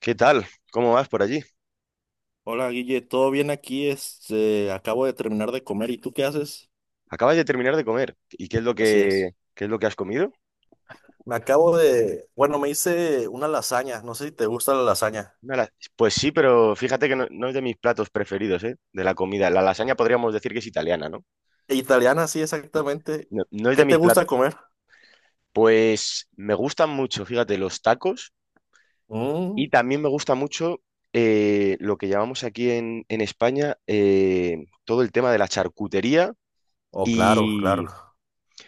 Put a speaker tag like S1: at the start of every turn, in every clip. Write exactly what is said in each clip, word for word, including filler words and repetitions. S1: ¿Qué tal? ¿Cómo vas por allí?
S2: Hola Guille, ¿todo bien aquí? Este, acabo de terminar de comer. ¿Y tú qué haces?
S1: Acabas de terminar de comer. ¿Y qué es lo
S2: Así
S1: que,
S2: es.
S1: qué es lo que has comido?
S2: Me acabo de, bueno, me hice una lasaña. No sé si te gusta la lasaña.
S1: Una la- Pues sí, pero fíjate que no, no es de mis platos preferidos, ¿eh? De la comida. La lasaña podríamos decir que es italiana, ¿no?
S2: E Italiana, sí, exactamente.
S1: No, no es de
S2: ¿Qué te
S1: mis platos.
S2: gusta comer?
S1: Pues me gustan mucho, fíjate, los tacos,
S2: Mm.
S1: y también me gusta mucho eh, lo que llamamos aquí en, en España, eh, todo el tema de la charcutería.
S2: Oh, claro, claro.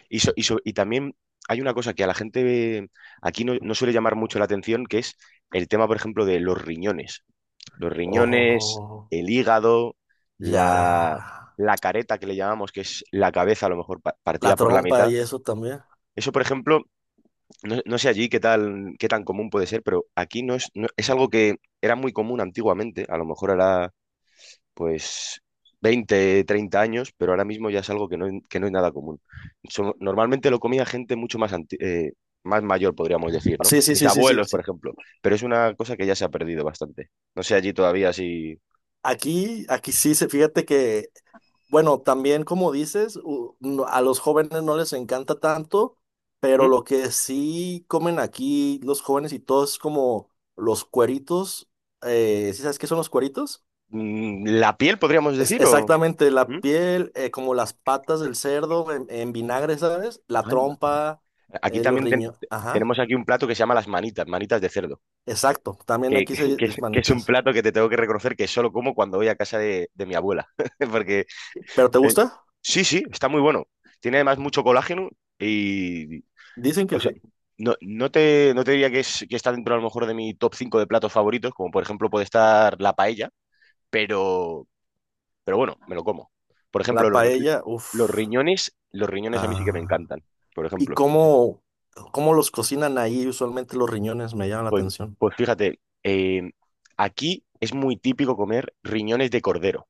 S1: Y, so- y so- y también hay una cosa que a la gente aquí no, no suele llamar mucho la atención, que es el tema, por ejemplo, de los riñones. Los riñones,
S2: Oh,
S1: el hígado,
S2: ya.
S1: la, la careta, que le llamamos, que es la cabeza a lo mejor pa-
S2: La
S1: partida por la
S2: trompa
S1: mitad.
S2: y eso también.
S1: Eso, por ejemplo, no, no sé allí qué tal, qué tan común puede ser, pero aquí no es, no- es algo que era muy común antiguamente. A lo mejor ahora pues veinte treinta años, pero ahora mismo ya es algo que no, que no es nada común. So- normalmente lo comía gente mucho más, anti- eh, más mayor, podríamos decir, ¿no?
S2: Sí, sí,
S1: Mis
S2: sí, sí, sí,
S1: abuelos, por
S2: sí.
S1: ejemplo, pero es una cosa que ya se ha perdido bastante. No sé allí todavía si...
S2: Aquí, aquí sí, se- fíjate que bueno, también como dices, u- no- a los jóvenes no les encanta tanto, pero
S1: ¿Mm?
S2: lo que sí comen aquí los jóvenes y todo es como los cueritos. Eh, ¿sí sabes qué son los cueritos?
S1: Mm, ¿La piel, podríamos
S2: Es
S1: decir, o...?
S2: exactamente la
S1: ¿Mm?
S2: piel, eh, como las patas del cerdo en, en vinagre, ¿sabes? La
S1: Anda.
S2: trompa,
S1: Aquí
S2: eh, los
S1: también ten-
S2: riñones.
S1: te-
S2: Ajá,
S1: tenemos aquí un plato que se llama las manitas, manitas de cerdo,
S2: exacto. También
S1: que,
S2: aquí se
S1: que,
S2: dice
S1: que es un
S2: manitas.
S1: plato que te tengo que reconocer que solo como cuando voy a casa de, de mi abuela, porque
S2: ¿Pero te
S1: Eh,
S2: gusta?
S1: sí, sí, está muy bueno. Tiene además mucho colágeno y,
S2: Dicen que
S1: o sea,
S2: sí.
S1: no, no te, no te diría que, es, que está dentro a lo mejor de mi top cinco de platos favoritos, como por ejemplo puede estar la paella, pero, pero, bueno, me lo como. Por
S2: La
S1: ejemplo, los, ri-
S2: paella,
S1: los
S2: uff.
S1: riñones, los riñones a mí sí que me
S2: Ah.
S1: encantan, por
S2: ¿Y
S1: ejemplo.
S2: cómo, cómo los cocinan ahí usualmente los riñones? Me llama la
S1: Pues,
S2: atención.
S1: pues fíjate, eh, aquí es muy típico comer riñones de cordero,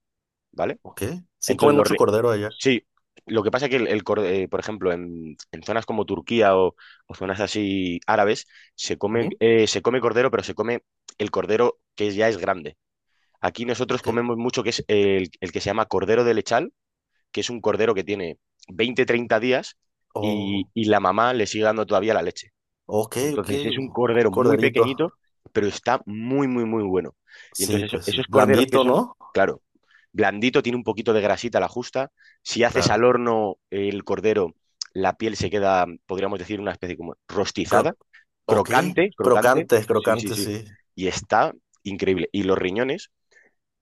S1: ¿vale?
S2: ¿Ok? Sí,
S1: Entonces,
S2: comen
S1: los,
S2: mucho
S1: ri-
S2: cordero allá.
S1: sí, lo que pasa es que el, el cor- eh, por ejemplo, en, en zonas como Turquía o, o zonas así árabes, se come,
S2: Ujú.
S1: eh, se come cordero, pero se come el cordero que ya es grande. Aquí nosotros
S2: Ok.
S1: comemos mucho que es el, el que se llama cordero de lechal, que es un cordero que tiene veinte treinta días, y,
S2: Oh,
S1: y la mamá le sigue dando todavía la leche.
S2: ok, ok.
S1: Entonces es un
S2: Un
S1: cordero muy
S2: corderito.
S1: pequeñito, pero está muy, muy, muy bueno. Y
S2: Sí,
S1: entonces eso-
S2: pues sí.
S1: esos corderos que
S2: Blandito,
S1: son,
S2: ¿no?
S1: claro, blandito, tiene un poquito de grasita a la justa. Si haces al
S2: Claro.
S1: horno el cordero, la piel se queda, podríamos decir, una especie como rostizada,
S2: Cro ok.
S1: crocante, crocante.
S2: Crocante,
S1: Sí, sí,
S2: crocante,
S1: sí.
S2: sí.
S1: Y está increíble. Y los riñones,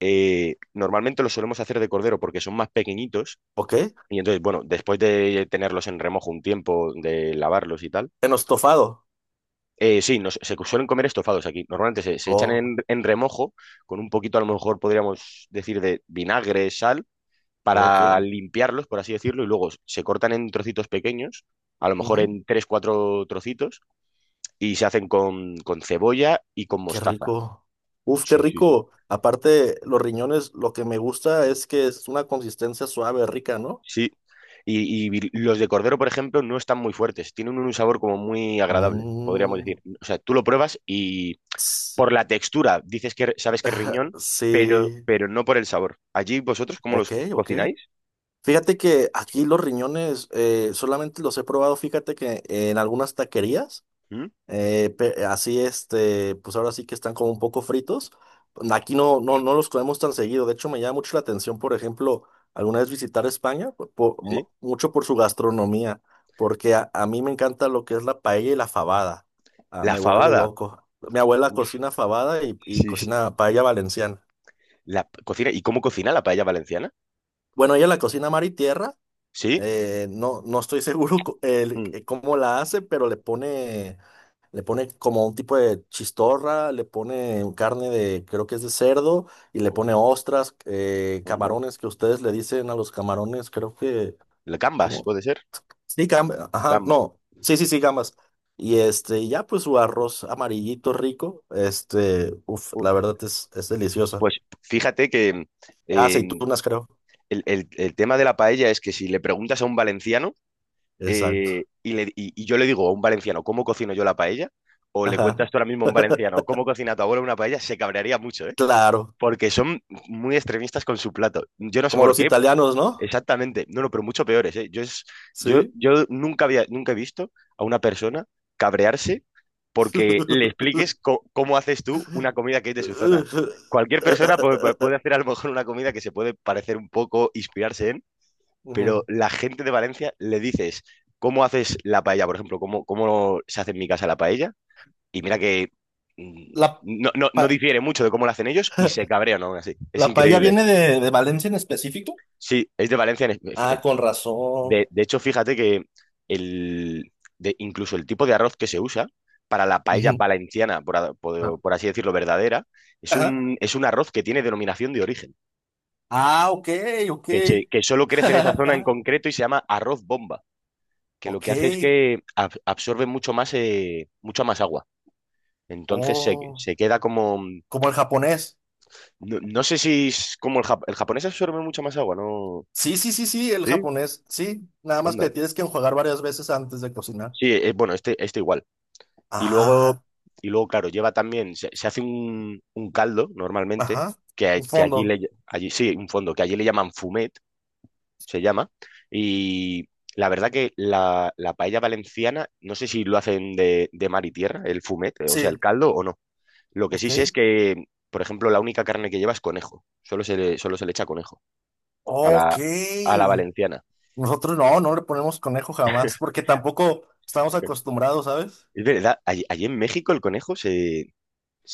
S1: eh, normalmente los solemos hacer de cordero porque son más pequeñitos.
S2: Ok.
S1: Y entonces, bueno, después de tenerlos en remojo un tiempo, de lavarlos y tal,
S2: En estofado.
S1: eh, sí, nos- se suelen comer estofados aquí. Normalmente se, se echan
S2: Oh,
S1: en, en remojo con un poquito, a lo mejor podríamos decir, de vinagre, sal,
S2: ok.
S1: para limpiarlos, por así decirlo, y luego se cortan en trocitos pequeños, a lo mejor
S2: Ujú.
S1: en tres, cuatro trocitos, y se hacen con, con cebolla y con
S2: Qué
S1: mostaza.
S2: rico. Uf, qué
S1: Sí, sí, sí.
S2: rico. Aparte, los riñones, lo que me gusta es que es una consistencia suave, rica, ¿no?
S1: Sí. Y, y los de cordero, por ejemplo, no están muy fuertes, tienen un sabor como muy agradable, podríamos
S2: Mm.
S1: decir. O sea, tú lo pruebas por la textura, dices que sabes que es riñón, pero,
S2: Sí,
S1: pero no por el sabor. Allí vosotros, ¿cómo
S2: ok,
S1: los
S2: ok.
S1: cocináis?
S2: Fíjate que aquí los riñones eh, solamente los he probado, fíjate que en algunas taquerías,
S1: ¿Mm?
S2: eh, pe- así este, pues ahora sí que están como un poco fritos. Aquí no, no, no los comemos tan seguido. De hecho, me llama mucho la atención, por ejemplo, alguna vez visitar España, por- por-
S1: ¿Sí?
S2: mu- mucho por su gastronomía, porque a, a mí me encanta lo que es la paella y la fabada. Ah,
S1: La
S2: me vuelve
S1: fabada.
S2: loco. Mi abuela
S1: Uf,
S2: cocina fabada y, y
S1: sí, sí.
S2: cocina paella valenciana.
S1: La p- cocina. ¿Y cómo cocina la paella valenciana?
S2: Bueno, ella la cocina mar y tierra.
S1: ¿Sí?
S2: Eh, no, no estoy seguro co- el-
S1: Mm.
S2: eh, cómo la hace, pero le pone, le pone como un tipo de chistorra, le pone carne de, creo que es de cerdo, y le
S1: Uf,
S2: pone ostras, eh,
S1: no.
S2: camarones que ustedes le dicen a los camarones, creo que,
S1: La gambas,
S2: ¿cómo?
S1: puede ser.
S2: Sí, gambas, ajá,
S1: Gamba.
S2: no, sí, sí, sí, gambas. Y este, y ya pues su arroz amarillito rico, este, uff,
S1: Uh,
S2: la verdad es, es deliciosa.
S1: Pues fíjate que, eh,
S2: Aceitunas, creo.
S1: el, el- el tema de la paella es que si le preguntas a un valenciano,
S2: Exacto.
S1: eh, y, le- y- y yo le digo a un valenciano, ¿cómo cocino yo la paella? O le
S2: Ajá.
S1: cuentas tú ahora mismo a un valenciano, ¿cómo cocina tu abuela una paella? Se cabrearía mucho, ¿eh?
S2: Claro,
S1: Porque son muy extremistas con su plato. Yo no sé
S2: como
S1: por
S2: los
S1: qué,
S2: italianos, ¿no?
S1: exactamente. No, no, pero mucho peores, ¿eh? Yo, es, yo,
S2: Sí.
S1: yo nunca había, nunca he visto a una persona cabrearse porque le expliques co- cómo haces tú una comida que es de su zona. Cualquier persona pu- pu- puede hacer a lo mejor una comida que se puede parecer un poco, inspirarse en,
S2: Ujú.
S1: pero la gente de Valencia le dices cómo haces la paella, por ejemplo, cómo, cómo se hace en mi casa la paella, y mira que, mm,
S2: ¿La,
S1: no, no, no
S2: pa-
S1: difiere mucho de cómo lo hacen ellos y se cabrean aún así. Es
S2: la paella
S1: increíble.
S2: viene de, de Valencia en específico?
S1: Sí, es de Valencia. En es-
S2: Ah,
S1: f-
S2: con
S1: De,
S2: razón.
S1: de hecho, fíjate que el, de, incluso el tipo de arroz que se usa para la paella
S2: Ujú.
S1: valenciana, por, a-
S2: Ah,
S1: por- por así decirlo, verdadera, es
S2: ajá.
S1: un, es un arroz que tiene denominación de origen,
S2: Ah, ok, ok.
S1: que, se, que solo crece en esa zona en concreto, y se llama arroz bomba, que lo
S2: Ok.
S1: que hace es que ab- absorbe mucho más, eh, mucha más agua. Entonces se,
S2: Oh,
S1: se queda como...
S2: como el japonés.
S1: No, no sé si es como el, jap- el japonés absorbe mucha más agua, ¿no?
S2: Sí, sí, sí, sí, el
S1: Sí,
S2: japonés. Sí, nada más
S1: anda.
S2: que tienes que enjuagar varias veces antes de cocinar.
S1: Sí, eh, bueno, este, este igual. Y luego,
S2: Ah,
S1: y luego, claro, lleva también, se, se hace un, un caldo normalmente,
S2: ajá.
S1: que, a-
S2: Un
S1: que allí
S2: fondo.
S1: le, allí, sí, un fondo, que allí le llaman fumet, se llama. Y la verdad que la, la paella valenciana, no sé si lo hacen de, de mar y tierra, el fumet, eh, o sea, el
S2: Sí,
S1: caldo o no. Lo que sí
S2: ok.
S1: sé es que, por ejemplo, la única carne que lleva es conejo. Solo se le, solo se le echa conejo a
S2: Ok.
S1: la, a la valenciana.
S2: Nosotros no, no le ponemos conejo jamás, porque tampoco estamos acostumbrados, ¿sabes?
S1: Es verdad, allí, allí en México el conejo se,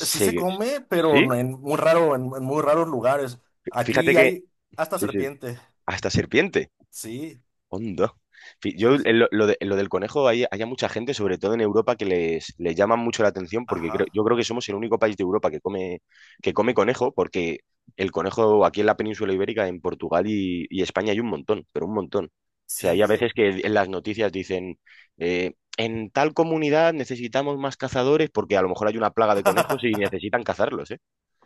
S2: Sí se come, pero
S1: Sí,
S2: no en muy raro, en, en muy raros lugares.
S1: fíjate
S2: Aquí
S1: que...
S2: hay hasta
S1: Sí, sí,
S2: serpiente.
S1: hasta serpiente.
S2: Sí,
S1: Hondo. Fi- Yo,
S2: sí,
S1: en
S2: sí.
S1: lo, lo de- lo del conejo, hay, hay a mucha gente, sobre todo en Europa, que les, les llama mucho la atención porque creo,
S2: Ajá.
S1: yo creo que somos el único país de Europa que come, que come, conejo, porque el conejo aquí en la península ibérica, en Portugal y, y España, hay un montón, pero un montón. O sea, hay a
S2: Sí. Eh.
S1: veces que en las noticias dicen, eh, en tal comunidad necesitamos más cazadores porque a lo mejor hay una plaga de conejos y necesitan cazarlos, ¿eh?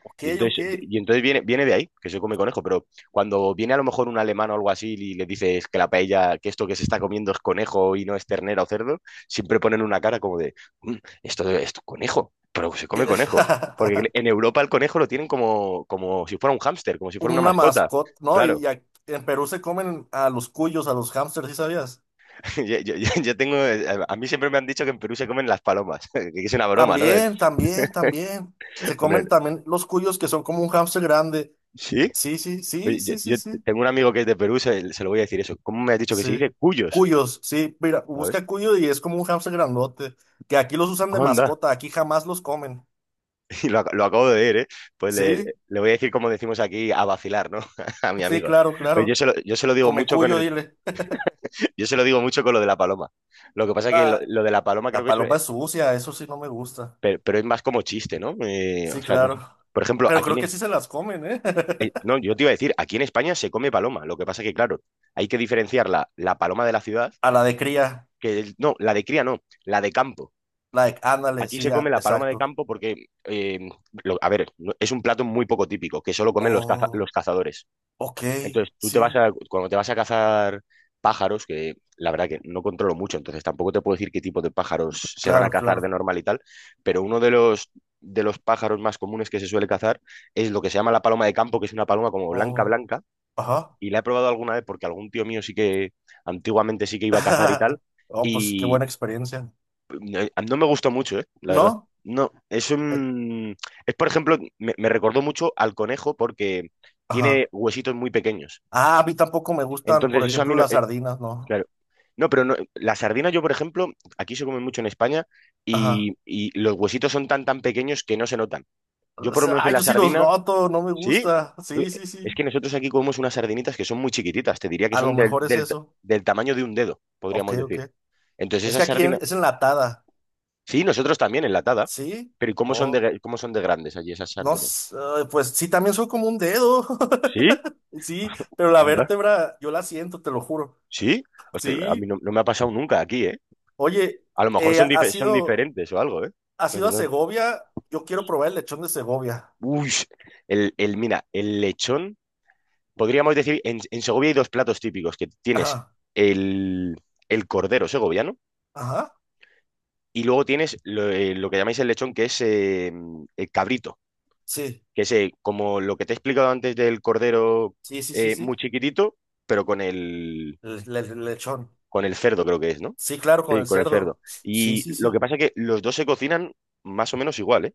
S2: Ok,
S1: Y
S2: ok.
S1: entonces, y entonces viene, viene de ahí, que se come conejo, pero cuando viene a lo mejor un alemán o algo así y le dices que la paella, que esto que se está comiendo es conejo y no es ternera o cerdo, siempre ponen una cara como de: "Mm, esto es conejo", pero se come
S2: ¿Qué?
S1: conejo. Porque en Europa el conejo lo tienen como, como si fuera un hámster, como si fuera una
S2: Una
S1: mascota.
S2: mascota, ¿no?
S1: Claro,
S2: Y a- en Perú se comen a los cuyos, a los hámsters, ¿sí sabías?
S1: yo, yo- yo- yo tengo, a mí siempre me han dicho que en Perú se comen las palomas, que es una broma, ¿no?
S2: También, también, también. Se comen
S1: Hombre,
S2: también los cuyos que son como un hámster grande.
S1: ¿sí?
S2: Sí, sí, sí,
S1: Pues yo,
S2: sí, sí,
S1: yo
S2: sí.
S1: tengo un amigo que es de Perú, se, se lo voy a decir eso. ¿Cómo me has dicho que se
S2: Sí.
S1: dice? Cuyos.
S2: Cuyos, sí, mira,
S1: ¿Sabes?
S2: busca cuyo y es como un hamster grandote, que aquí los usan de
S1: Onda,
S2: mascota, aquí jamás los comen.
S1: y lo, ac- lo acabo de ver, ¿eh? Pues le,
S2: Sí,
S1: le voy a decir, como decimos aquí, a vacilar, ¿no? A mi
S2: sí,
S1: amigo.
S2: claro,
S1: Pues yo
S2: claro.
S1: se lo, yo se lo digo
S2: Come
S1: mucho con
S2: cuyo,
S1: el,
S2: dile.
S1: yo se lo digo mucho con lo de la paloma. Lo que pasa es que lo,
S2: Ah,
S1: lo de la paloma creo
S2: la
S1: que es,
S2: paloma
S1: eh,
S2: es sucia, eso sí no me gusta.
S1: pero, pero es más como chiste, ¿no? Eh, o
S2: Sí,
S1: sea, no
S2: claro.
S1: sé. Por ejemplo,
S2: Pero
S1: aquí en,
S2: creo que
S1: E-
S2: sí se las comen, ¿eh?
S1: eh, no, yo te iba a decir, aquí en España se come paloma. Lo que pasa es que, claro, hay que diferenciar la, la paloma de la ciudad,
S2: A la de cría,
S1: que el- no, la de cría no, la de campo.
S2: la de, ándale,
S1: Aquí
S2: sí,
S1: se come
S2: ah,
S1: la paloma de
S2: exacto.
S1: campo porque, eh, lo- a ver, no- es un plato muy poco típico, que solo comen los, caza-
S2: Oh,
S1: los cazadores.
S2: ok,
S1: Entonces, tú te vas
S2: sí,
S1: a, cuando te vas a cazar pájaros, que la verdad que no controlo mucho, entonces tampoco te puedo decir qué tipo de pájaros se van a
S2: claro,
S1: cazar de
S2: claro.
S1: normal y tal, pero uno de los, de los pájaros más comunes que se suele cazar es lo que se llama la paloma de campo, que es una paloma como blanca,
S2: Oh,
S1: blanca,
S2: ajá.
S1: y la he probado alguna vez porque algún tío mío sí que antiguamente sí que iba a cazar y tal,
S2: Oh, pues qué
S1: y
S2: buena experiencia.
S1: no, no me gustó mucho, eh, la verdad.
S2: ¿No?
S1: No, es
S2: Eh,
S1: un... Es, por ejemplo, me me recordó mucho al conejo porque
S2: ajá.
S1: tiene huesitos muy pequeños.
S2: Ah, a mí tampoco me gustan,
S1: Entonces,
S2: por
S1: eso a mí
S2: ejemplo,
S1: no-
S2: las sardinas, ¿no?
S1: Claro. No, pero no, la sardina yo, por ejemplo, aquí se come mucho en España,
S2: Ajá.
S1: y, y los huesitos son tan tan pequeños que no se notan. Yo
S2: O
S1: por lo
S2: sea,
S1: menos
S2: ah,
S1: en la
S2: yo sí los
S1: sardina,
S2: noto, no me
S1: ¿sí?
S2: gusta.
S1: Uy,
S2: Sí, sí,
S1: es
S2: sí.
S1: que nosotros aquí comemos unas sardinitas que son muy chiquititas, te diría que
S2: A lo
S1: son del,
S2: mejor es
S1: del,
S2: eso.
S1: del tamaño de un dedo,
S2: Ok,
S1: podríamos
S2: ok.
S1: decir. Entonces
S2: Es que
S1: esas
S2: aquí en-
S1: sardinas,
S2: es enlatada.
S1: sí, nosotros también enlatada,
S2: ¿Sí?
S1: pero ¿y cómo son
S2: Oh,
S1: de, cómo son de grandes allí esas
S2: no,
S1: sardinas?
S2: s- eh, pues sí, también soy como un dedo.
S1: ¿Sí?
S2: Sí, pero la
S1: Anda.
S2: vértebra yo la siento, te lo juro.
S1: ¿Sí? Hostia, a mí
S2: Sí.
S1: no, no me ha pasado nunca aquí, ¿eh?
S2: Oye,
S1: A lo mejor
S2: eh,
S1: son, dife-
S2: ¿has
S1: son
S2: ido,
S1: diferentes o algo, ¿eh?
S2: ¿has
S1: No sé,
S2: ido a
S1: no.
S2: Segovia? Yo quiero probar el lechón de Segovia.
S1: Uy, el, el, mira, el lechón, podríamos decir, en, en Segovia hay dos platos típicos: que tienes
S2: Ajá,
S1: el, el cordero segoviano,
S2: ajá.
S1: y luego tienes lo, eh, lo que llamáis el lechón, que es, eh, el cabrito,
S2: Sí,
S1: que es, eh, como lo que te he explicado antes, del cordero,
S2: sí, sí, sí,
S1: eh, muy
S2: sí.
S1: chiquitito, pero con el,
S2: el el- el lechón.
S1: con el cerdo creo que es, ¿no?
S2: Sí, claro, con
S1: Sí,
S2: el
S1: con el cerdo.
S2: cerdo. Sí,
S1: Y
S2: sí,
S1: lo que
S2: sí.
S1: pasa es que los dos se cocinan más o menos igual, ¿eh?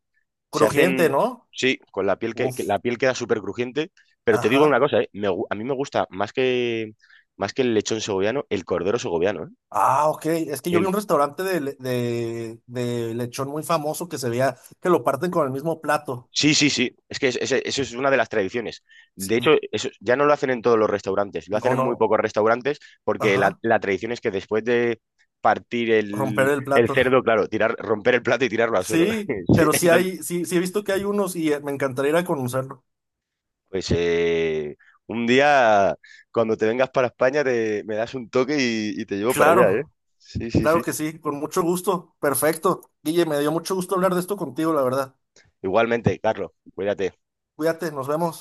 S1: Se
S2: Crujiente,
S1: hacen,
S2: ¿no?
S1: sí, con la piel, que, que
S2: Uf,
S1: la piel queda súper crujiente, pero te digo una
S2: ajá.
S1: cosa, ¿eh? Me gu- a mí me gusta más que, más que, el lechón segoviano, el cordero segoviano, ¿eh?
S2: Ah, ok. Es que yo vi
S1: El,
S2: un restaurante de, le- de, de lechón muy famoso que se veía que lo parten con el mismo plato.
S1: sí, sí, sí, es que es- es- eso es una de las tradiciones.
S2: Sí.
S1: De hecho, eso ya no lo hacen en todos los restaurantes, lo hacen
S2: No,
S1: en muy
S2: no.
S1: pocos restaurantes, porque la,
S2: Ajá.
S1: la tradición es que después de partir
S2: Romper
S1: el,
S2: el
S1: el
S2: plato.
S1: cerdo, claro, tirar, romper el plato y tirarlo al suelo.
S2: Sí,
S1: Sí,
S2: pero sí
S1: entonces,
S2: hay, sí, sí he visto que hay unos y eh, me encantaría ir a conocerlo.
S1: pues, eh, un día, cuando te vengas para España, te, me das un toque, y, y te llevo para allá, ¿eh?
S2: Claro,
S1: Sí, sí, sí.
S2: claro que sí, con mucho gusto. Perfecto. Guille, me dio mucho gusto hablar de esto contigo, la verdad.
S1: Igualmente, Carlos, cuídate.
S2: Cuídate, nos vemos.